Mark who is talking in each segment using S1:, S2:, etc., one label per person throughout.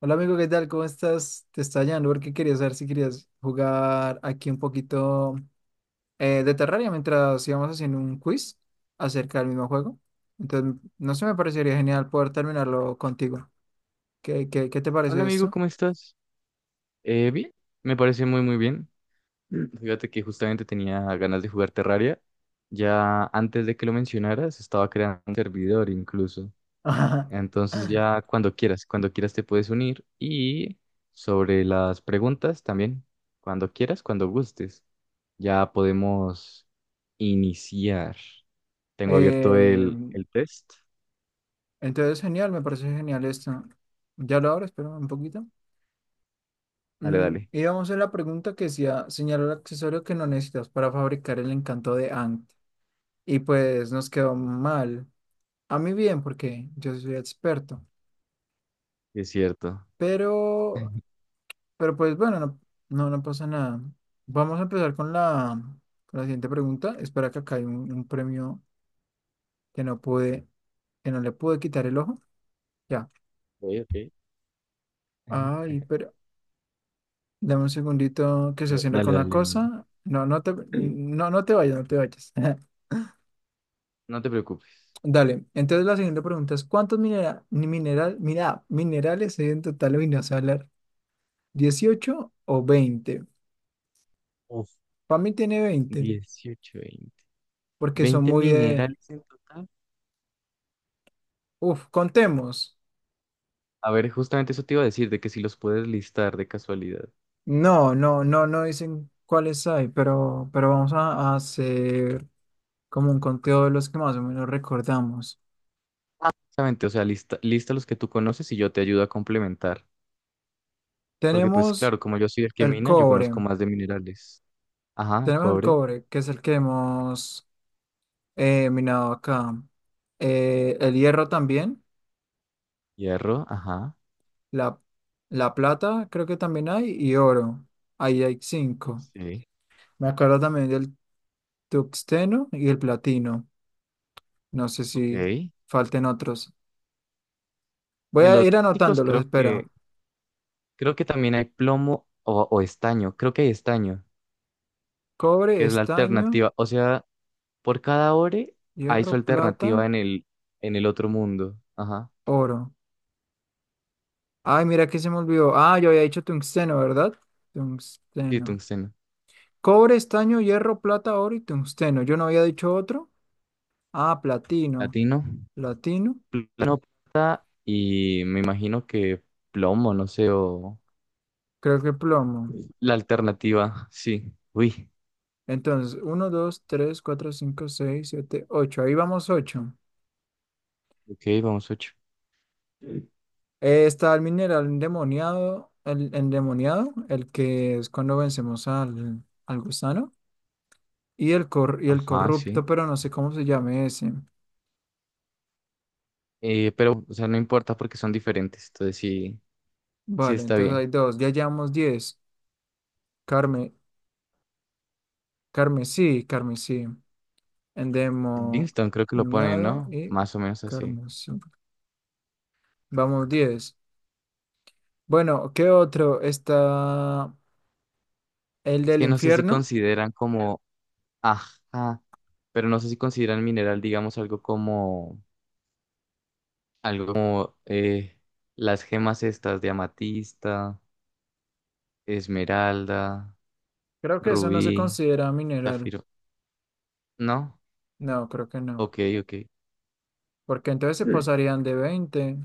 S1: Hola amigo, ¿qué tal? ¿Cómo estás? Te estaba llamando porque quería saber si querías jugar aquí un poquito de Terraria mientras íbamos haciendo un quiz acerca del mismo juego. Entonces, no sé, me parecería genial poder terminarlo contigo. ¿Qué te
S2: Hola
S1: parece
S2: amigo,
S1: esto?
S2: ¿cómo estás? Bien, me parece muy muy bien. Mm. Fíjate que justamente tenía ganas de jugar Terraria. Ya antes de que lo mencionaras, estaba creando un servidor incluso.
S1: Ajá.
S2: Entonces ya cuando quieras te puedes unir. Y sobre las preguntas también, cuando quieras, cuando gustes, ya podemos iniciar. Tengo abierto
S1: Eh,
S2: el test.
S1: entonces, genial, me parece genial esto. Ya lo abro, espera un poquito.
S2: Dale,
S1: Mm,
S2: dale,
S1: y vamos a la pregunta que decía, señala el accesorio que no necesitas para fabricar el encanto de Ankh. Y pues nos quedó mal. A mí bien, porque yo soy experto.
S2: sí es cierto.
S1: Pero, pero pues bueno, no pasa nada. Vamos a empezar con con la siguiente pregunta. Espera que acá hay un premio que no que no le pude quitar el ojo. Ya.
S2: Ok, ok.
S1: Ay, pero dame un segundito que se haciendo
S2: Dale,
S1: con una
S2: dale, no,
S1: cosa. No te vayas, no te vayas.
S2: no te preocupes.
S1: Dale. Entonces la siguiente pregunta es: ¿cuántos minera- ni mineral, mira, minerales hay en total hoy no sé hablar? Dieciocho o veinte.
S2: Uf.
S1: Para mí tiene 20
S2: 18, 20.
S1: porque son
S2: 20
S1: muy de,
S2: minerales en total.
S1: uf, contemos.
S2: A ver, justamente eso te iba a decir, de que si los puedes listar de casualidad.
S1: No, no, no, no dicen cuáles hay, pero vamos a hacer como un conteo de los que más o menos recordamos.
S2: Exactamente, o sea, lista los que tú conoces y yo te ayudo a complementar. Porque pues
S1: Tenemos
S2: claro, como yo soy el que
S1: el
S2: mina, yo
S1: cobre,
S2: conozco más de minerales. Ajá,
S1: tenemos el
S2: cobre,
S1: cobre, que es el que hemos minado acá. El hierro también,
S2: hierro, ajá.
S1: la, la plata creo que también hay, y oro. Ahí hay cinco.
S2: Sí.
S1: Me acuerdo también del tuxteno y el platino. No sé si
S2: Ok.
S1: falten otros. Voy
S2: De
S1: a
S2: los
S1: ir
S2: básicos
S1: anotándolos,
S2: creo que,
S1: espera.
S2: creo que también hay plomo o estaño. Creo que hay estaño,
S1: Cobre,
S2: que es la
S1: estaño,
S2: alternativa. O sea, por cada ore hay
S1: hierro,
S2: su
S1: plata,
S2: alternativa en el otro mundo. Ajá.
S1: oro. Ay, mira que se me olvidó. Ah, yo había dicho tungsteno, ¿verdad?
S2: Sí,
S1: Tungsteno.
S2: tungsteno.
S1: Cobre, estaño, hierro, plata, oro y tungsteno. Yo no había dicho otro. Ah, platino.
S2: Latino.
S1: Platino.
S2: Latino, plata y me imagino que plomo, no sé, o
S1: Creo que plomo.
S2: la alternativa, sí. Uy,
S1: Entonces, uno, 2, 3, 4, 5, 6, 7, 8. Ahí vamos 8.
S2: ok, vamos ocho.
S1: Está el mineral endemoniado, el que es cuando vencemos al gusano. Y y el
S2: Ajá, sí.
S1: corrupto, pero no sé cómo se llame ese.
S2: Pero, o sea, no importa porque son diferentes, entonces sí, sí
S1: Vale,
S2: está
S1: entonces
S2: bien.
S1: hay dos. Ya llevamos diez. Carme, carmesí, carmesí.
S2: Livingston creo que lo ponen,
S1: Endemoniado
S2: ¿no?
S1: y
S2: Más o menos así.
S1: carmesí. Vamos, diez. Bueno, ¿qué otro? Está el
S2: Es
S1: del
S2: que no sé si
S1: infierno.
S2: consideran como, ajá, pero no sé si consideran mineral, digamos, algo como las gemas estas de amatista, esmeralda.
S1: Creo que eso no se
S2: Rubí,
S1: considera mineral.
S2: zafiro. ¿No?
S1: No, creo que no.
S2: Ok, ok.
S1: Porque entonces se pasarían de veinte.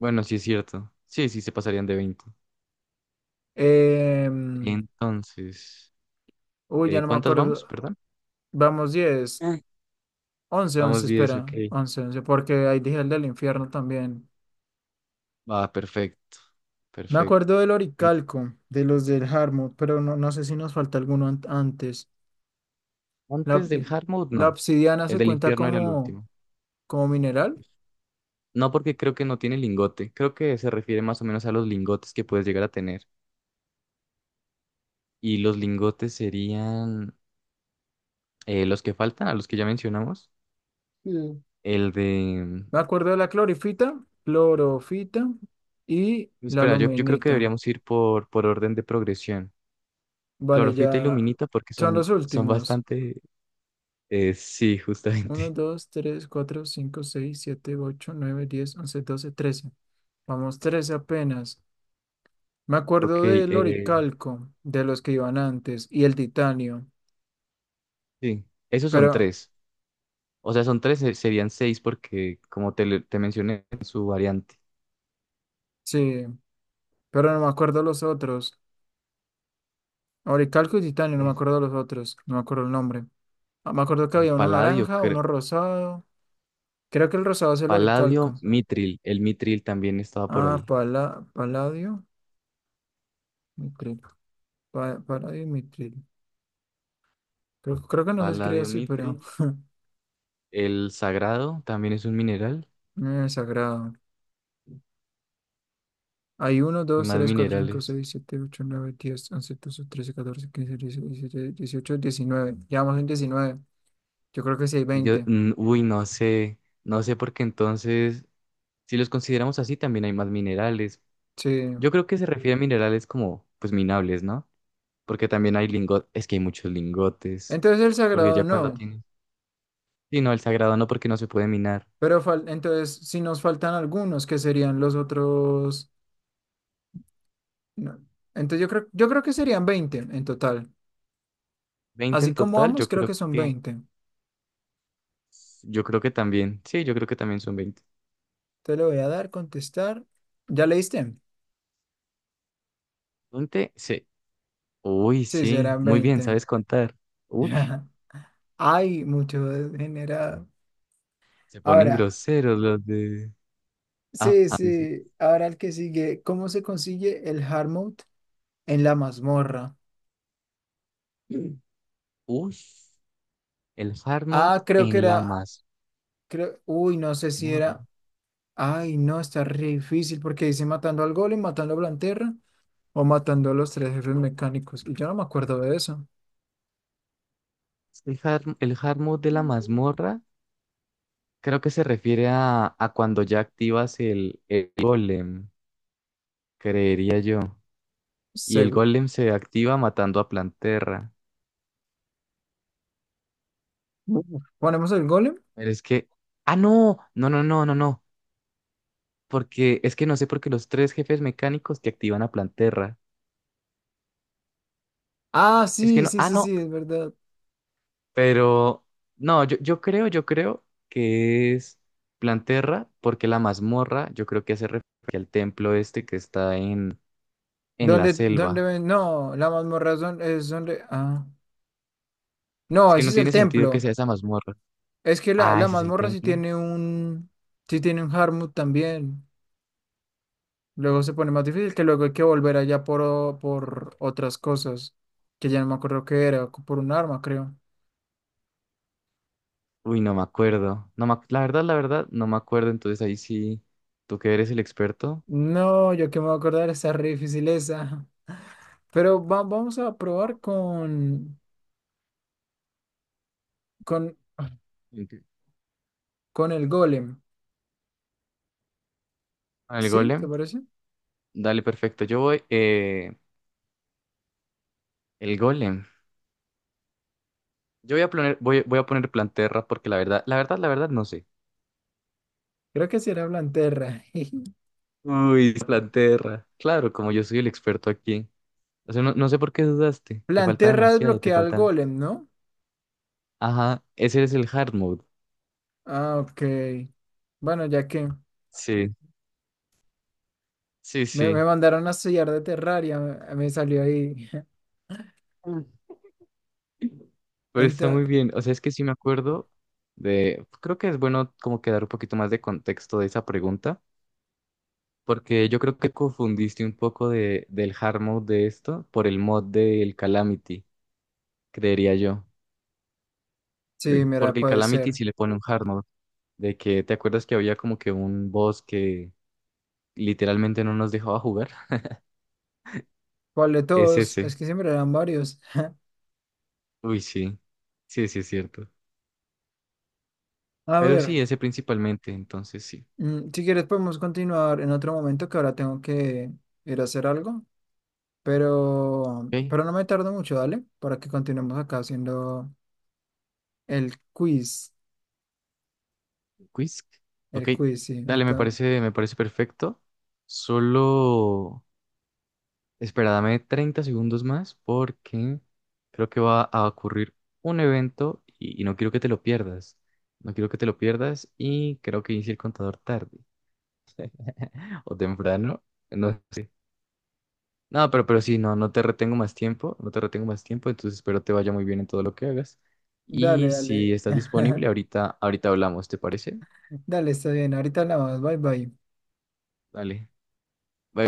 S2: Bueno, sí es cierto. Sí, sí se pasarían de 20.
S1: Em,
S2: Entonces,
S1: uy, ya no me
S2: ¿cuántas vamos?
S1: acuerdo.
S2: Perdón.
S1: Vamos, diez, once,
S2: Vamos 10,
S1: espera.
S2: ok.
S1: Once porque ahí dije el del infierno también.
S2: Va, perfecto.
S1: Me acuerdo
S2: Perfecto.
S1: del
S2: En-
S1: Oricalco, de los del Harmut, pero no, no sé si nos falta alguno an- antes. La,
S2: Antes del hard mode,
S1: la
S2: no.
S1: obsidiana
S2: El
S1: se
S2: del
S1: cuenta
S2: infierno era el
S1: como,
S2: último.
S1: como mineral.
S2: No, porque creo que no tiene lingote. Creo que se refiere más o menos a los lingotes que puedes llegar a tener. Y los lingotes serían los que faltan, a los que ya mencionamos. El de.
S1: Me acuerdo de la clorofita y la
S2: Espera, yo creo que
S1: aluminita.
S2: deberíamos ir por orden de progresión.
S1: Vale,
S2: Clorofita y
S1: ya
S2: luminita porque
S1: son
S2: son,
S1: los
S2: son
S1: últimos.
S2: bastante. Sí,
S1: Uno,
S2: justamente.
S1: dos, tres, cuatro, cinco, seis, siete, ocho, nueve, diez, once, doce, trece. Vamos, 13 apenas. Me
S2: Ok,
S1: acuerdo del oricalco, de los que iban antes, y el titanio,
S2: sí, esos son
S1: pero
S2: tres. O sea, son tres, serían seis porque, como te mencioné, en su variante.
S1: sí, pero no me acuerdo los otros. Oricalco y titanio, no me
S2: Es,
S1: acuerdo los otros, no me acuerdo el nombre. Ah, me acuerdo que
S2: eh,
S1: había uno
S2: paladio,
S1: naranja,
S2: cre-
S1: uno rosado. Creo que el rosado es el
S2: Paladio,
S1: oricalco.
S2: mitril. El mitril también estaba por
S1: Ah,
S2: ahí.
S1: paladio, mitril, paladio y mitril. Creo que no se escribe
S2: Paladio,
S1: así, pero
S2: mitril. El sagrado también es un mineral
S1: es sagrado. Hay uno,
S2: y
S1: dos,
S2: más
S1: tres, cuatro, cinco,
S2: minerales.
S1: seis, siete, ocho, nueve, diez, once, doce, trece, catorce, quince, dieciséis, diecisiete, dieciocho, diecinueve. Llevamos en diecinueve. Yo creo que sí hay
S2: Yo,
S1: veinte.
S2: uy, no sé, no sé porque entonces. Si los consideramos así, también hay más minerales.
S1: Sí.
S2: Yo creo que se refiere a minerales como, pues, minables, ¿no? Porque también hay lingotes, es que hay muchos lingotes,
S1: Entonces el
S2: porque
S1: sagrado
S2: ya cuando
S1: no.
S2: tienes. Sí, no, el sagrado no, porque no se puede minar.
S1: Pero fal- entonces si nos faltan algunos, ¿que serían los otros? No. Entonces yo creo que serían veinte en total.
S2: 20
S1: Así
S2: en
S1: como
S2: total,
S1: vamos,
S2: yo
S1: creo
S2: creo
S1: que son
S2: que,
S1: veinte.
S2: yo creo que también, sí, yo creo que también son 20.
S1: Te lo voy a dar, contestar. ¿Ya leíste?
S2: 20, sí. Uy,
S1: Sí,
S2: sí,
S1: serán
S2: muy bien,
S1: veinte.
S2: sabes contar. Uy,
S1: Hay mucho degenerado.
S2: se ponen
S1: Ahora,
S2: groseros los de. Ah,
S1: sí,
S2: ah, sí, sí.
S1: sí. Ahora el que sigue. ¿Cómo se consigue el hard mode en la mazmorra?
S2: Uy, el hard mode
S1: Ah, creo que
S2: en la
S1: era.
S2: mazmorra.
S1: Creo, uy, no sé si era. Ay, no, está re difícil porque dice matando al golem, matando a Blanterra o matando a los tres jefes mecánicos. Y yo no me acuerdo de eso.
S2: El hard mode de la mazmorra. Creo que se refiere a, cuando ya activas el golem, creería yo. Y el
S1: Seguro.
S2: golem se activa matando a Planterra.
S1: ¿Ponemos el golem?
S2: Pero es que. ¡Ah, no! No, no, no, no, no. Porque es que no sé por qué los tres jefes mecánicos te activan a Planterra.
S1: Ah,
S2: Es que
S1: sí,
S2: no.
S1: sí,
S2: Ah,
S1: sí,
S2: no.
S1: sí, es verdad.
S2: Pero. No, yo creo que es Planterra porque la mazmorra, yo creo que hace referencia al templo este que está en la
S1: Dónde
S2: selva.
S1: ven? No, la mazmorra es don- es donde. Ah.
S2: Es
S1: No,
S2: que
S1: ese
S2: no
S1: es el
S2: tiene sentido que
S1: templo.
S2: sea esa mazmorra.
S1: Es que
S2: Ah,
S1: la
S2: ese es el
S1: mazmorra sí
S2: templo.
S1: tiene un. Sí tiene un Harmut también. Luego se pone más difícil que luego hay que volver allá por otras cosas. Que ya no me acuerdo qué era. Por un arma, creo.
S2: Uy, no me acuerdo. No me ac- la verdad, no me acuerdo. Entonces ahí sí, tú que eres el experto.
S1: No, yo que me voy a acordar, está re difícil esa. Pero vamos a probar con,
S2: Enti-
S1: con el golem.
S2: el
S1: ¿Sí? ¿Te
S2: golem.
S1: parece?
S2: Dale, perfecto. Yo voy, el golem. Yo voy a poner Planterra porque la verdad, la verdad, la verdad, no sé.
S1: Creo que será Blanterra.
S2: Uy, Planterra. Claro, como yo soy el experto aquí. O sea, no, no sé por qué dudaste. Te falta
S1: Blanterra es
S2: demasiado, te
S1: bloquear al
S2: faltan.
S1: golem, ¿no?
S2: Ajá, ese es el hard mode.
S1: Ah, ok. Bueno, ya que
S2: Sí, sí,
S1: me
S2: sí.
S1: mandaron a estudiar de Terraria, me salió ahí.
S2: Pero está muy
S1: Ento-
S2: bien. O sea, es que sí me acuerdo creo que es bueno como que dar un poquito más de contexto de esa pregunta, porque yo creo que confundiste un poco del hard mode de esto por el mod del Calamity, creería yo.
S1: sí, mira,
S2: Porque el
S1: puede
S2: Calamity
S1: ser.
S2: sí le pone un hard mode, de que te acuerdas que había como que un boss que literalmente no nos dejaba jugar.
S1: ¿Cuál de
S2: Es
S1: todos? Es
S2: ese.
S1: que siempre eran varios.
S2: Uy, sí. Sí, sí, es cierto.
S1: A
S2: Pero
S1: ver,
S2: sí, ese principalmente, entonces sí.
S1: mm, si quieres podemos continuar en otro momento que ahora tengo que ir a hacer algo.
S2: Ok.
S1: Pero no me tardo mucho, ¿vale? Para que continuemos acá haciendo el quiz.
S2: Quiz. Ok,
S1: El quiz, sí.
S2: dale, me
S1: Entonces,
S2: parece, me parece perfecto. Solo, espera, dame 30 segundos más porque creo que va a ocurrir un evento y no quiero que te lo pierdas. No quiero que te lo pierdas y creo que inicie el contador tarde o temprano. No sé. No, pero sí, no, no te retengo más tiempo, no te retengo más tiempo, entonces espero te vaya muy bien en todo lo que hagas.
S1: dale,
S2: Y si
S1: dale.
S2: estás disponible, ahorita, ahorita hablamos, ¿te parece?
S1: Dale, está bien. Ahorita hablamos. Bye, bye.
S2: Dale. Bye.